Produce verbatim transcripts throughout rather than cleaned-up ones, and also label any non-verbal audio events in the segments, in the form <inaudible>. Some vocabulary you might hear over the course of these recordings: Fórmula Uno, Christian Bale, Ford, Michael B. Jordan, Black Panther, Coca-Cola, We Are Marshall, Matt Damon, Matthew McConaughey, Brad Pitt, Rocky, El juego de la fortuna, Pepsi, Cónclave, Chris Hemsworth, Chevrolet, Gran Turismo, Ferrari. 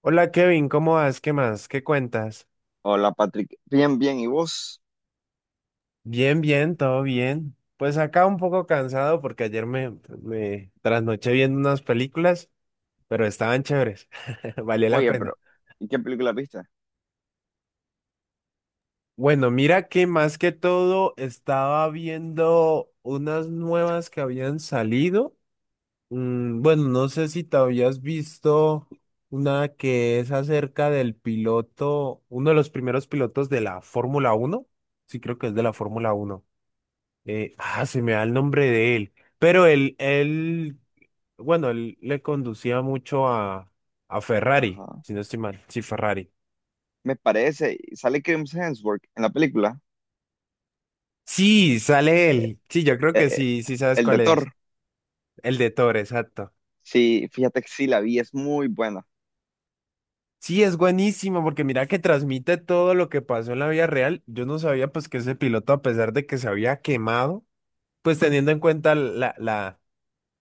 Hola Kevin, ¿cómo vas? ¿Qué más? ¿Qué cuentas? Hola Patrick, bien, bien, ¿y vos? Bien, bien, todo bien. Pues acá un poco cansado porque ayer me, me trasnoché viendo unas películas, pero estaban chéveres. <laughs> Valió la Oye, pero, pena. ¿y qué película viste? Bueno, mira que más que todo estaba viendo unas nuevas que habían salido. Mm, bueno, no sé si te habías visto una que es acerca del piloto, uno de los primeros pilotos de la Fórmula Uno. Sí, creo que es de la Fórmula Uno. Eh, ah, se me da el nombre de él. Pero él, él, bueno, él le conducía mucho a, a Ferrari, Ajá. si no estoy mal. Sí, Ferrari. Me parece, sale Chris Hemsworth en la película, Sí, sale él. Sí, yo creo eh, que eh, sí, sí sabes el de cuál es. Thor. El de Thor, exacto. Sí, fíjate que sí, la vi, es muy buena. Sí, es buenísimo porque mira que transmite todo lo que pasó en la vida real. Yo no sabía pues que ese piloto, a pesar de que se había quemado, pues teniendo en cuenta la, la,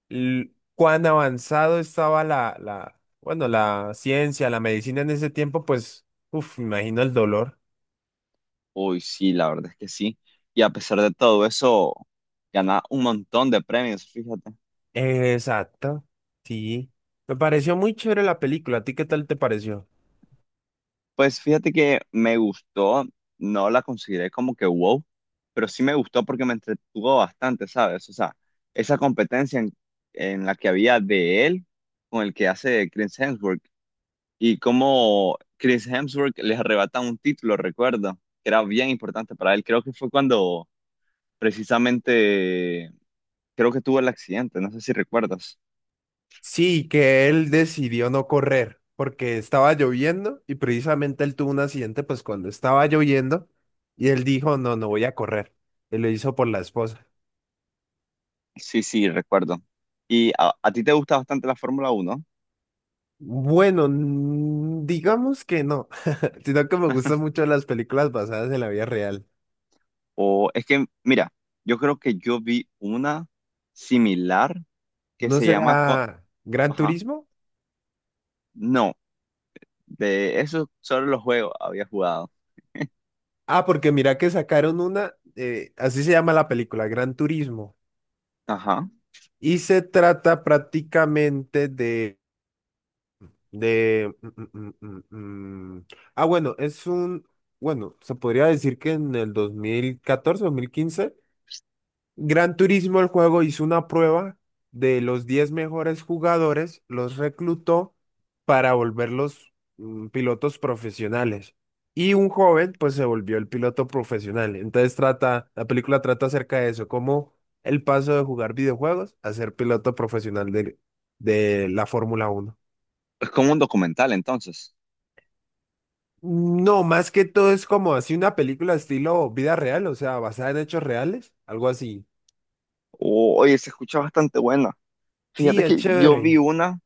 l- cuán avanzado estaba la, la, bueno, la ciencia, la medicina en ese tiempo, pues, uff, me imagino el dolor. Uy, sí, la verdad es que sí. Y a pesar de todo eso, gana un montón de premios, fíjate. Exacto, sí. Me pareció muy chévere la película. ¿A ti qué tal te pareció? Pues fíjate que me gustó, no la consideré como que wow, pero sí me gustó porque me entretuvo bastante, ¿sabes? O sea, esa competencia en, en la que había de él con el que hace Chris Hemsworth y cómo Chris Hemsworth les arrebata un título, recuerdo, que era bien importante para él. Creo que fue cuando precisamente, creo que tuvo el accidente, no sé si recuerdas. Sí, que él decidió no correr porque estaba lloviendo y precisamente él tuvo un accidente pues cuando estaba lloviendo y él dijo, no, no voy a correr. Y lo hizo por la esposa. Sí, sí, recuerdo. ¿Y a, a ti te gusta bastante la Fórmula Uno? Bueno, mm, digamos que no, <laughs> sino que me gustan mucho las películas basadas en la vida real. O es que, mira, yo creo que yo vi una similar que ¿No se llama... Co- será Gran Ajá. Turismo? No, de eso sobre los juegos había jugado. Ah, porque mira que sacaron una, eh, así se llama la película, Gran Turismo. Ajá. Y se trata prácticamente de, de... mm, mm, mm, mm, mm. Ah, bueno, es un... Bueno, se podría decir que en el dos dos mil catorce, dos mil quince. Gran Turismo, el juego, hizo una prueba de los diez mejores jugadores, los reclutó para volverlos mm, pilotos profesionales. Y un joven, pues, se volvió el piloto profesional. Entonces trata, la película trata acerca de eso, como el paso de jugar videojuegos a ser piloto profesional de, de la Fórmula Uno. ¿Es como un documental entonces? No, más que todo es como así una película estilo vida real, o sea, basada en hechos reales, algo así. O- oye, se escucha bastante buena. Sí, Fíjate es que yo vi chévere. una,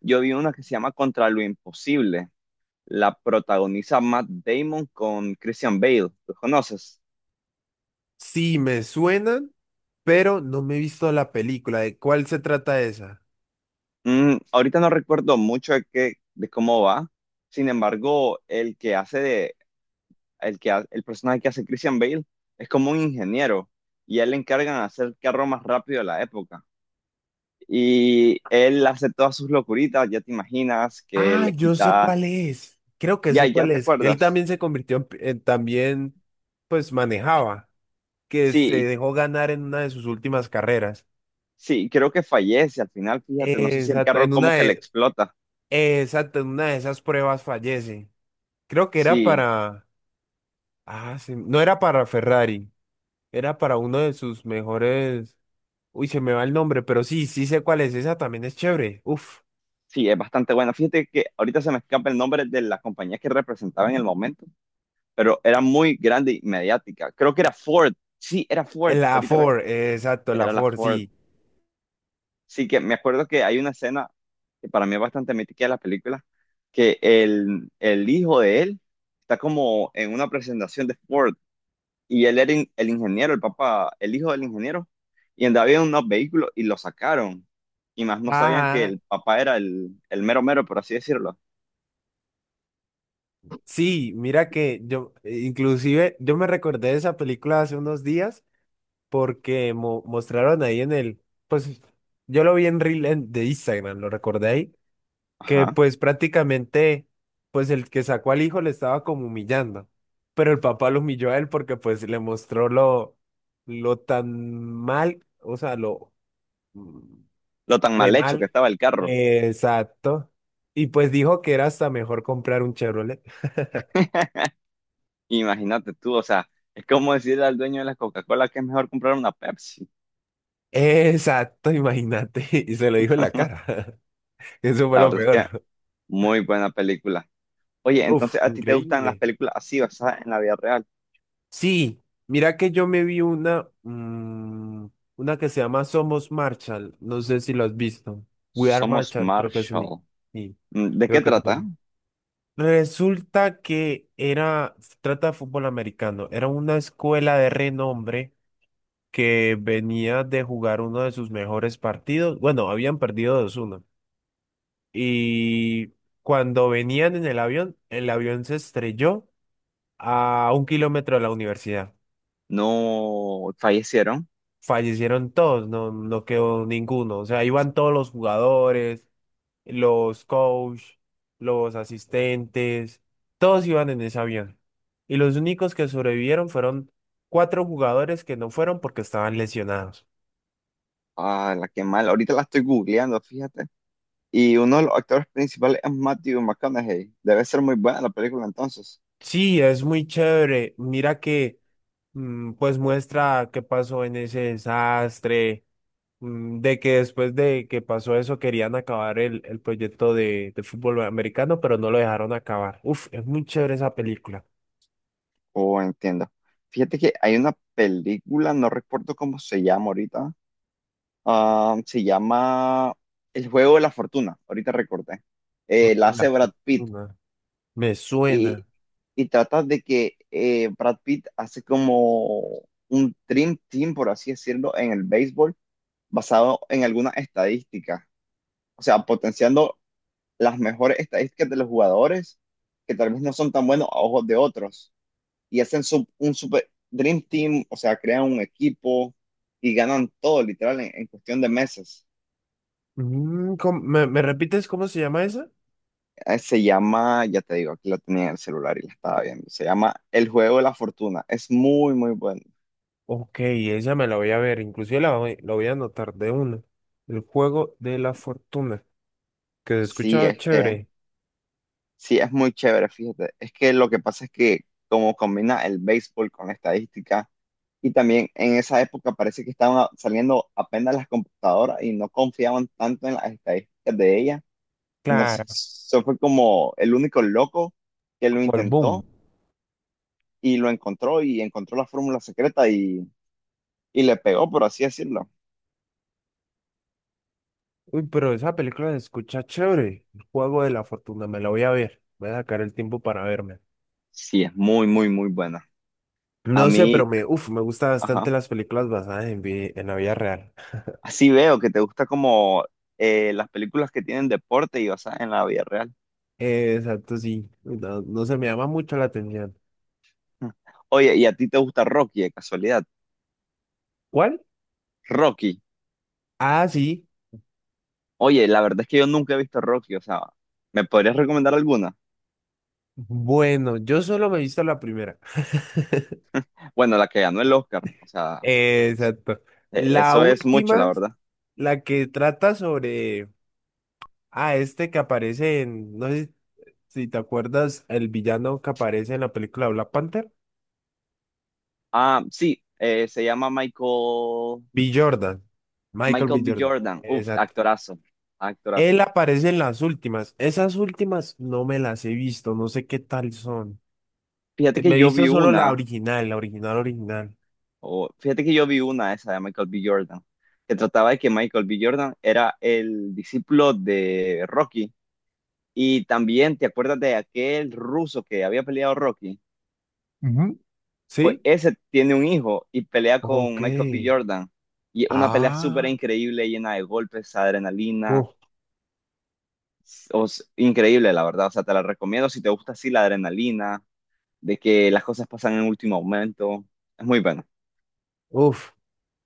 Yo vi una que se llama Contra lo Imposible. La protagoniza Matt Damon con Christian Bale. ¿Los conoces? Sí, me suenan, pero no me he visto la película. ¿De cuál se trata esa? Mm, ahorita no recuerdo mucho de qué, de cómo va. Sin embargo, el que hace de el, que, ha- el personaje que hace Christian Bale es como un ingeniero y a él le encargan de hacer el carro más rápido de la época. Y él hace todas sus locuritas, ya te imaginas que Ah, le yo sé quita, cuál es. Creo que ya, sé ya cuál te es. Él acuerdas. también se convirtió en, pi- en- también, pues manejaba, que se Sí, y- dejó ganar en una de sus últimas carreras. sí, creo que fallece al final, fíjate, no sé si el Exacto, carro en como una que le de, explota. exacto, en una de esas pruebas fallece. Creo que era Sí, para, ah, sí, no era para Ferrari, era para uno de sus mejores. Uy, se me va el nombre, pero sí, sí sé cuál es. Esa también es chévere. Uf. sí, es bastante bueno. Fíjate que ahorita se me escapa el nombre de la compañía que representaba en el momento, pero era muy grande y mediática. Creo que era Ford. Sí, era Eh, Ford. La Ahorita re- Ford, eh, exacto, la era la Ford, Ford. sí. Sí, que me acuerdo que hay una escena que para mí es bastante mítica de la película, que el, el hijo de él está como en una presentación de Ford y él era in- el ingeniero, el papá, el hijo del ingeniero, y andaba en unos vehículos y lo sacaron. Y más no sabían que Ajá. el papá era el, el mero mero, por así decirlo. Sí, mira que yo, eh, inclusive, yo me recordé de esa película hace unos días porque mo- mostraron ahí en el, pues yo lo vi en Reel en- de Instagram, lo recordé ahí, que Ajá. pues prácticamente, pues el que sacó al hijo le estaba como humillando, pero el papá lo humilló a él porque pues le mostró lo, lo, tan mal, o sea, lo, mm, Lo tan re mal hecho que mal. estaba el carro. Exacto. Y pues dijo que era hasta mejor comprar un Chevrolet. <laughs> Imagínate tú, o sea, es como decirle al dueño de la Coca-Cola que es mejor comprar una Pepsi. Exacto, imagínate. <laughs> Y se lo dijo en la cara. <laughs> Eso fue La lo verdad es que peor. muy buena película. Oye, Uf, entonces a ti te gustan increíble. las películas así basadas en la vida real. Sí, mira que yo me vi una, mm, una que se llama Somos Marshall. No sé si lo has visto. We Are Somos Marshall, creo que es ni. Marshall. ni- Mm, ¿de qué Creo que es trata? como- Resulta que era, se trata de fútbol americano. Era una escuela de renombre que venía de jugar uno de sus mejores partidos. Bueno, habían perdido dos uno. Y cuando venían en el avión, el avión se estrelló a un kilómetro de la universidad. No fallecieron. Fallecieron todos, no, no quedó ninguno. O sea, iban todos los jugadores, los coach, los asistentes, todos iban en ese avión. Y los únicos que sobrevivieron fueron cuatro jugadores que no fueron porque estaban lesionados. Ah, la que mal. Ahorita la estoy googleando, fíjate. Y uno de los actores principales es Matthew McConaughey. Debe ser muy buena la película entonces. Sí, es muy chévere. Mira que mm, pues muestra qué pasó en ese desastre, mm, de que después de que pasó eso querían acabar el, el proyecto de, de fútbol americano, pero no lo dejaron acabar. Uf, es muy chévere esa película. Oh, entiendo. Fíjate que hay una película, no recuerdo cómo se llama ahorita. Ah, se llama El juego de la fortuna. Ahorita recordé. Eh, Orden la de hace La Brad Pitt. fortuna. Me Y, suena. y trata de que eh, Brad Pitt hace como un dream team, por así decirlo, en el béisbol, basado en algunas estadísticas. O sea, potenciando las mejores estadísticas de los jugadores, que tal vez no son tan buenos a ojos de otros. Y hacen su- un super dream team, o sea, crean un equipo y ganan todo, literal, en, en cuestión de meses. Mm, ¿cómo- me, me repites cómo se llama esa? Eh, Se llama, ya te digo, aquí la tenía en el celular y la estaba viendo. Se llama El Juego de la Fortuna. Es muy, muy bueno. Ok, esa me la voy a ver, inclusive la voy, la voy a anotar de una. El juego de la fortuna, que se Sí, escucha es que chévere, sí, es muy chévere, fíjate. Es que lo que pasa es que como combina el béisbol con la estadística y también en esa época parece que estaban a- saliendo apenas las computadoras y no confiaban tanto en las estadísticas de ellas. Entonces, claro, eso fue como el único loco que lo como el boom. intentó y lo encontró y encontró la fórmula secreta y, y le pegó, por así decirlo. Uy, pero esa película se escucha chévere. El juego de la fortuna, me la voy a ver. Voy a sacar el tiempo para verme. Sí, es muy, muy, muy buena. A No sé, mí, pero me, uf, me gustan ajá. bastante las películas basadas en, vi- en la vida real. <laughs> Así veo que te gusta como eh, las películas que tienen deporte y basadas en la vida real. Eh, exacto, sí. No, no se me llama mucho la atención. <laughs> Oye, ¿y a ti te gusta Rocky de casualidad? ¿Cuál? Rocky. Ah, sí. Oye, la verdad es que yo nunca he visto Rocky, o sea, ¿me podrías recomendar alguna? Bueno, yo solo me he visto la primera. <laughs> Bueno, la que ganó el Oscar, o sea, Eh, exacto. eh, La eso es mucho, última, la verdad. la que trata sobre, ah, este que aparece en, no sé si te acuerdas, el villano que aparece en la película Black Panther. Ah, sí, eh, se llama Michael, B. Jordan, Michael Michael B. B. Jordan, Jordan. Uf, exacto. actorazo, actorazo. Él aparece en las últimas. Esas últimas no me las he visto, no sé qué tal son. Fíjate Eh, que Me he yo visto vi solo la una original, la original, original. O, fíjate que yo vi una esa de Michael B Jordan, que trataba de que Michael B Jordan era el discípulo de Rocky. Y también, ¿te acuerdas de aquel ruso que había peleado Rocky? Ujú. Pues ¿Sí? ese tiene un hijo y pelea con Ok. Michael B Jordan. Y una pelea súper Ah, increíble, llena de golpes, adrenalina. uf, O s- increíble, la verdad. O sea, te la recomiendo si te gusta así la adrenalina, de que las cosas pasan en último momento. Es muy bueno. uf.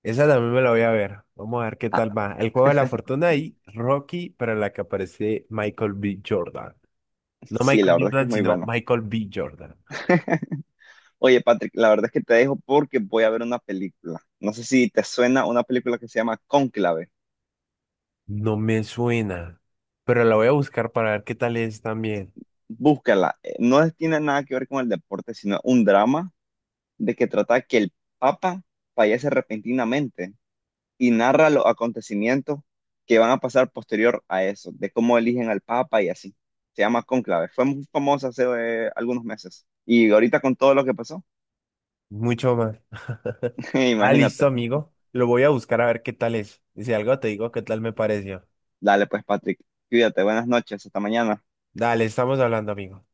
Esa también me la voy a ver. Vamos a ver qué Ah, tal va. El juego de la fortuna y Rocky, para la que aparece Michael B. Jordan. No sí, la Michael verdad es que es Jordan, muy sino bueno. Michael B. Jordan. Oye, Patrick, la verdad es que te dejo porque voy a ver una película. No sé si te suena una película que se llama Cónclave. No me suena, pero la voy a buscar para ver qué tal es también. Búscala. Eh, No es- tiene nada que ver con el deporte, sino un drama de que trata que el Papa fallece repentinamente y narra los acontecimientos que van a pasar posterior a eso, de cómo eligen al Papa y así. Se llama Cónclave. Fue muy famosa hace eh, algunos meses. Y ahorita con todo lo que pasó, Mucho más. <laughs> <laughs> Ah, imagínate. listo, amigo. Lo voy a buscar a ver qué tal es. Y si algo te digo, qué tal me pareció. Dale pues, Patrick, cuídate. Buenas noches. Hasta mañana. Dale, estamos hablando, amigo.